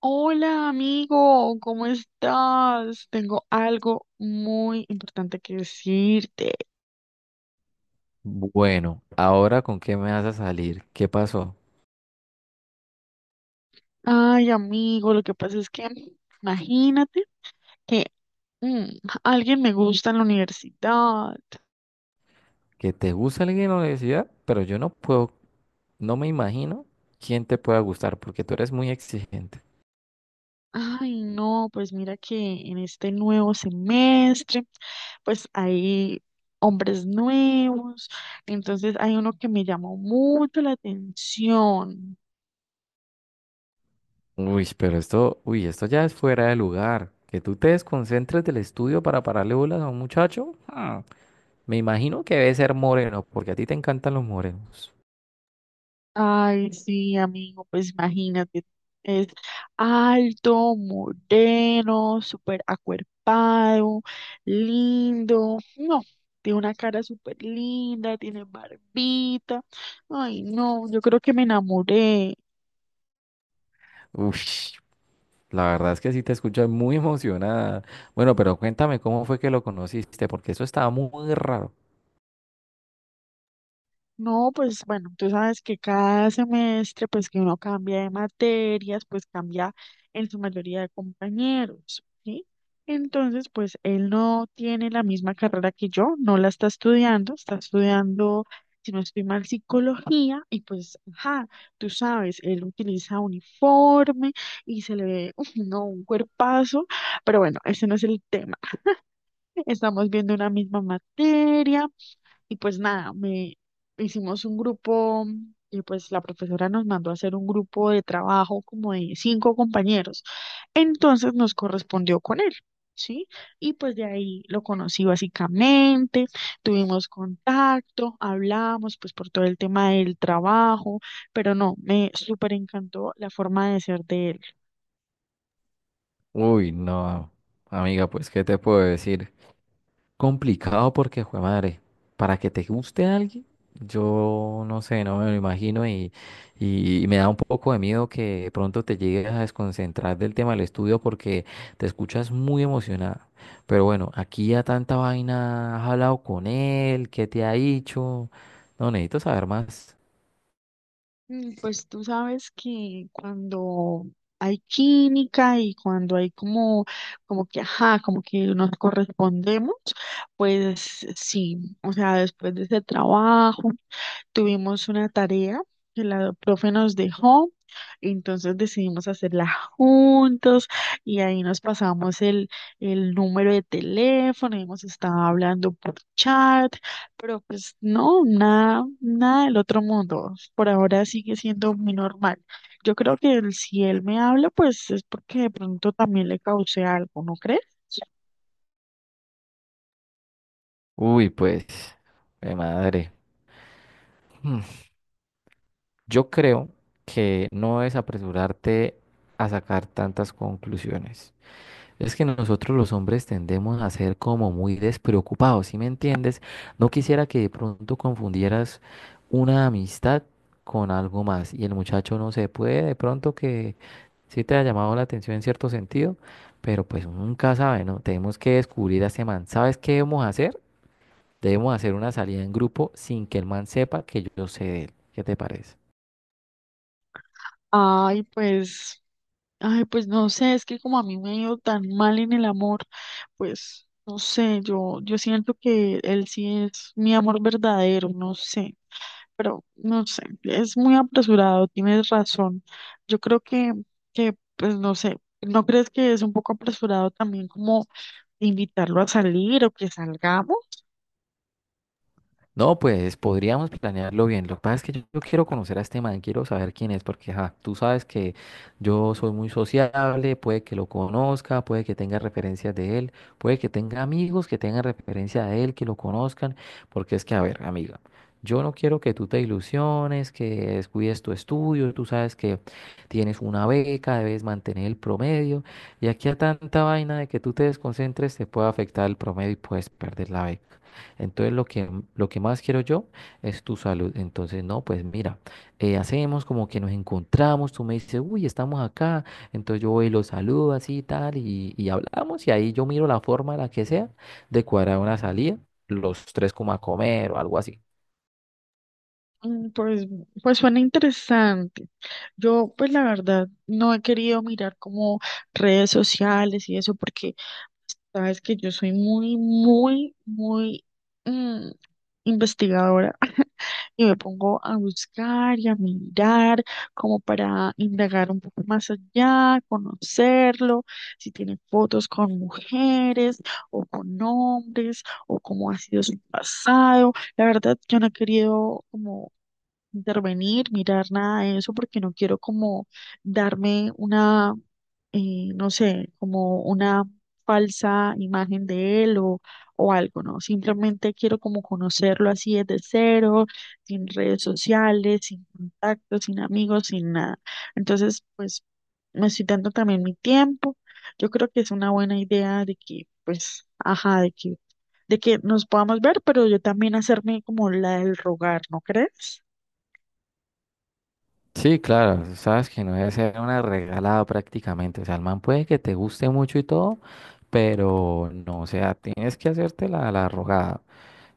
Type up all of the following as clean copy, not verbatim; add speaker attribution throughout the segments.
Speaker 1: Hola amigo, ¿cómo estás? Tengo algo muy importante que decirte.
Speaker 2: Bueno, ahora con qué me vas a salir. ¿Qué pasó?
Speaker 1: Ay amigo, lo que pasa es que imagínate que mm, alguien me gusta en la universidad.
Speaker 2: Que te gusta alguien en la universidad, pero yo no puedo, no me imagino quién te pueda gustar porque tú eres muy exigente.
Speaker 1: Ay no, pues mira que en este nuevo semestre, pues hay hombres nuevos, entonces hay uno que me llamó mucho la atención.
Speaker 2: Uy, pero esto, uy, esto ya es fuera de lugar. Que tú te desconcentres del estudio para pararle bolas a un muchacho. Ah, me imagino que debe ser moreno porque a ti te encantan los morenos.
Speaker 1: Ay, sí, amigo, pues imagínate, es alto, moreno, súper acuerpado, lindo, no, tiene una cara súper linda, tiene barbita, ay, no, yo creo que me enamoré.
Speaker 2: Uy, la verdad es que sí te escuchas muy emocionada. Bueno, pero cuéntame cómo fue que lo conociste porque eso estaba muy raro.
Speaker 1: No, pues bueno, tú sabes que cada semestre, pues que uno cambia de materias, pues cambia en su mayoría de compañeros, ¿sí? Entonces, pues él no tiene la misma carrera que yo, no la está estudiando, si no estoy mal, psicología, y pues, ajá, tú sabes, él utiliza uniforme y se le ve, uf, no, un cuerpazo, pero bueno, ese no es el tema. Estamos viendo una misma materia. Y pues nada, me hicimos un grupo y pues la profesora nos mandó a hacer un grupo de trabajo como de cinco compañeros. Entonces nos correspondió con él, ¿sí? Y pues de ahí lo conocí básicamente, tuvimos contacto, hablamos pues por todo el tema del trabajo, pero no, me súper encantó la forma de ser de él.
Speaker 2: Uy, no, amiga, pues, ¿qué te puedo decir? Complicado porque, jue madre, para que te guste alguien, yo no sé, no me lo imagino y me da un poco de miedo que de pronto te llegues a desconcentrar del tema del estudio porque te escuchas muy emocionada. Pero bueno, aquí ya tanta vaina, has hablado con él, ¿qué te ha dicho? No, necesito saber más.
Speaker 1: Pues tú sabes que cuando hay química y cuando hay como que, ajá, como que nos correspondemos, pues sí, o sea, después de ese trabajo. Tuvimos una tarea que la profe nos dejó, entonces decidimos hacerla juntos y ahí nos pasamos el número de teléfono, hemos estado hablando por chat, pero pues no, nada, nada del otro mundo. Por ahora sigue siendo muy normal. Yo creo que si él me habla, pues es porque de pronto también le causé algo, ¿no crees?
Speaker 2: Uy, pues, jue madre. Yo creo que no es apresurarte a sacar tantas conclusiones. Es que nosotros los hombres tendemos a ser como muy despreocupados, ¿sí me entiendes? No quisiera que de pronto confundieras una amistad con algo más y el muchacho no se puede, de pronto que sí te ha llamado la atención en cierto sentido, pero pues uno nunca sabe, ¿no? Tenemos que descubrir a ese man. ¿Sabes qué debemos hacer? Debemos hacer una salida en grupo sin que el man sepa que yo sé de él. ¿Qué te parece?
Speaker 1: Ay, pues. Ay, pues no sé, es que como a mí me ha ido tan mal en el amor, pues no sé, yo siento que él sí es mi amor verdadero, no sé, pero no sé, es muy apresurado, tienes razón. Yo creo que pues no sé, ¿no crees que es un poco apresurado también como invitarlo a salir o que salgamos?
Speaker 2: No, pues podríamos planearlo bien. Lo que pasa es que yo quiero conocer a este man, quiero saber quién es, porque ajá, tú sabes que yo soy muy sociable, puede que lo conozca, puede que tenga referencias de él, puede que tenga amigos que tengan referencia de él, que lo conozcan, porque es que, a ver, amiga, yo no quiero que tú te ilusiones, que descuides tu estudio, tú sabes que tienes una beca, debes mantener el promedio, y aquí a tanta vaina de que tú te desconcentres te puede afectar el promedio y puedes perder la beca. Entonces lo que más quiero yo es tu salud. Entonces, no, pues mira, hacemos como que nos encontramos, tú me dices, uy, estamos acá. Entonces yo voy y lo saludo así y tal, y hablamos, y ahí yo miro la forma, la que sea, de cuadrar una salida, los tres como a comer o algo así.
Speaker 1: Mm, Pues, pues suena interesante. Yo, pues la verdad, no he querido mirar como redes sociales y eso, porque sabes que yo soy muy, muy, muy mm, investigadora y me pongo a buscar y a mirar como para indagar un poco más allá, conocerlo, si tiene fotos con mujeres o con hombres o cómo ha sido su pasado. La verdad, yo no he querido como intervenir, mirar nada de eso, porque no quiero como darme una, no sé, como una falsa imagen de él o algo, ¿no? Simplemente quiero como conocerlo así desde cero, sin redes sociales, sin contactos, sin amigos, sin nada. Entonces, pues me estoy dando también mi tiempo. Yo creo que es una buena idea de que, pues, ajá, de que nos podamos ver, pero yo también hacerme como la del rogar, ¿no crees?
Speaker 2: Sí, claro, sabes que no debe ser una regalada prácticamente. O sea, el man puede que te guste mucho y todo, pero no, o sea, tienes que hacerte la rogada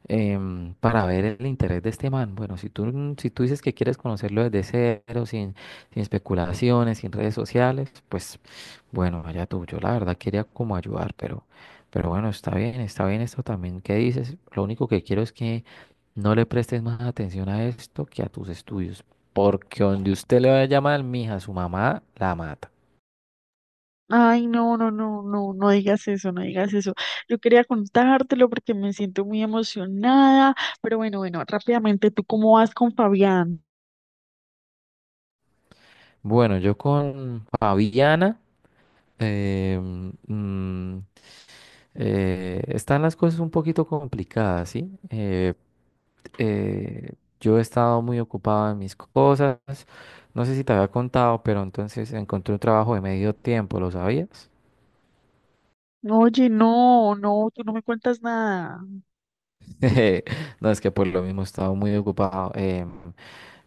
Speaker 2: para ver el interés de este man. Bueno, si tú dices que quieres conocerlo desde cero, sin especulaciones, sin redes sociales, pues bueno, allá tú. Yo la verdad quería como ayudar, pero bueno, está bien esto también que dices. Lo único que quiero es que no le prestes más atención a esto que a tus estudios, porque donde usted le vaya a llamar, mija, su mamá la mata.
Speaker 1: Ay, no, no, no, no, no digas eso, no digas eso. Yo quería contártelo porque me siento muy emocionada, pero bueno, bueno, rápidamente, ¿tú cómo vas con Fabián?
Speaker 2: Bueno, yo con Fabiana, eh, están las cosas un poquito complicadas, ¿sí? Eh, yo he estado muy ocupado en mis cosas. No sé si te había contado, pero entonces encontré un trabajo de medio tiempo, ¿lo sabías?
Speaker 1: Oye, no, no, tú no me cuentas nada.
Speaker 2: No, es que por lo mismo he estado muy ocupado. em,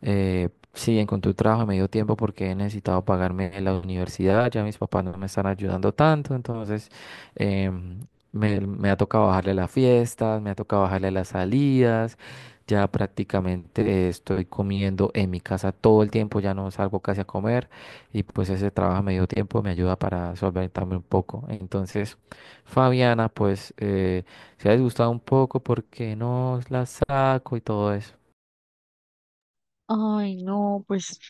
Speaker 2: Eh, Sí, encontré un trabajo a medio tiempo porque he necesitado pagarme la universidad, ya mis papás no me están ayudando tanto, entonces em, me ha tocado bajarle las fiestas, me ha tocado bajarle las salidas, ya prácticamente estoy comiendo en mi casa todo el tiempo, ya no salgo casi a comer y pues ese trabajo a medio tiempo me ayuda para solventarme un poco. Entonces, Fabiana, pues se ha disgustado un poco porque no la saco y todo eso.
Speaker 1: Ay, no, pues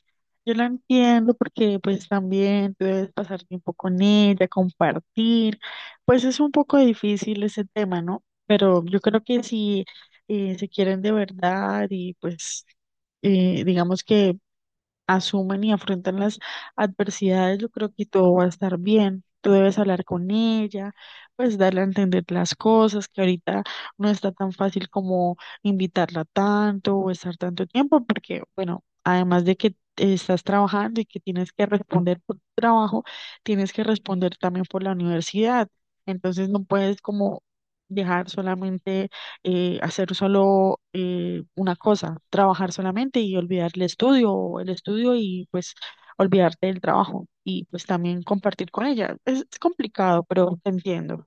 Speaker 1: yo la entiendo porque pues también tú debes pasar tiempo con ella, compartir. Pues es un poco difícil ese tema, ¿no? Pero yo creo que si se quieren de verdad y pues digamos que asumen y afrontan las adversidades, yo creo que todo va a estar bien. Tú debes hablar con ella, pues darle a entender las cosas, que ahorita no está tan fácil como invitarla tanto o estar tanto tiempo, porque, bueno, además de que estás trabajando y que tienes que responder por tu trabajo, tienes que responder también por la universidad. Entonces no puedes como dejar solamente hacer solo una cosa, trabajar solamente y olvidar el estudio, o el estudio y pues olvidarte del trabajo y pues también compartir con ella. Es complicado, pero te entiendo.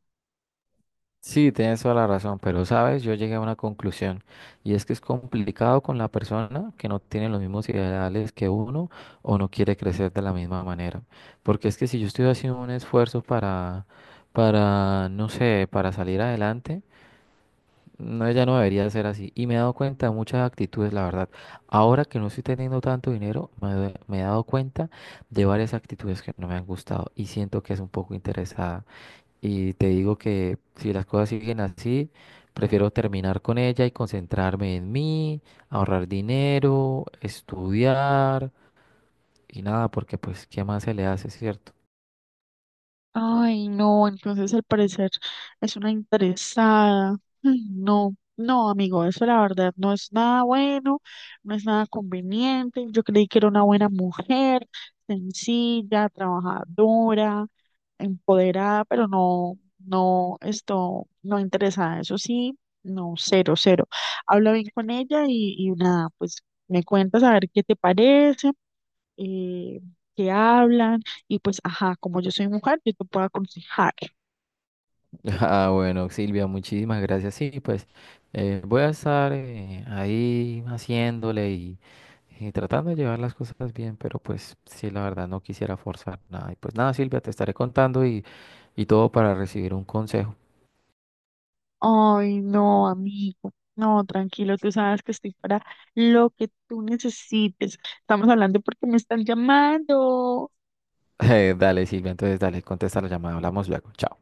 Speaker 2: Sí, tienes toda la razón, pero sabes, yo llegué a una conclusión y es que es complicado con la persona que no tiene los mismos ideales que uno o no quiere crecer de la misma manera. Porque es que si yo estoy haciendo un esfuerzo para no sé, para salir adelante, no, ya no debería ser así. Y me he dado cuenta de muchas actitudes, la verdad. Ahora que no estoy teniendo tanto dinero, me he dado cuenta de varias actitudes que no me han gustado y siento que es un poco interesada. Y te digo que si las cosas siguen así, prefiero terminar con ella y concentrarme en mí, ahorrar dinero, estudiar y nada, porque pues, ¿qué más se le hace, cierto?
Speaker 1: Ay, no, entonces al parecer es una interesada. Ay, no, no, amigo, eso la verdad no es nada bueno, no es nada conveniente. Yo creí que era una buena mujer, sencilla, trabajadora empoderada, pero no, no, esto, no interesada, eso sí, no, cero, cero. Habla bien con ella y nada, pues me cuentas a ver qué te parece, eh, qué hablan y pues, ajá, como yo soy mujer, yo te puedo aconsejar.
Speaker 2: Ah, bueno, Silvia, muchísimas gracias. Sí, pues voy a estar ahí haciéndole y tratando de llevar las cosas bien, pero pues sí, la verdad no quisiera forzar nada. Y pues nada, Silvia, te estaré contando y todo para recibir un consejo.
Speaker 1: Ay, no, amigo. No, tranquilo, tú sabes que estoy para lo que tú necesites. Estamos hablando porque me están llamando.
Speaker 2: Dale, Silvia, entonces dale, contesta la llamada, hablamos luego, chao.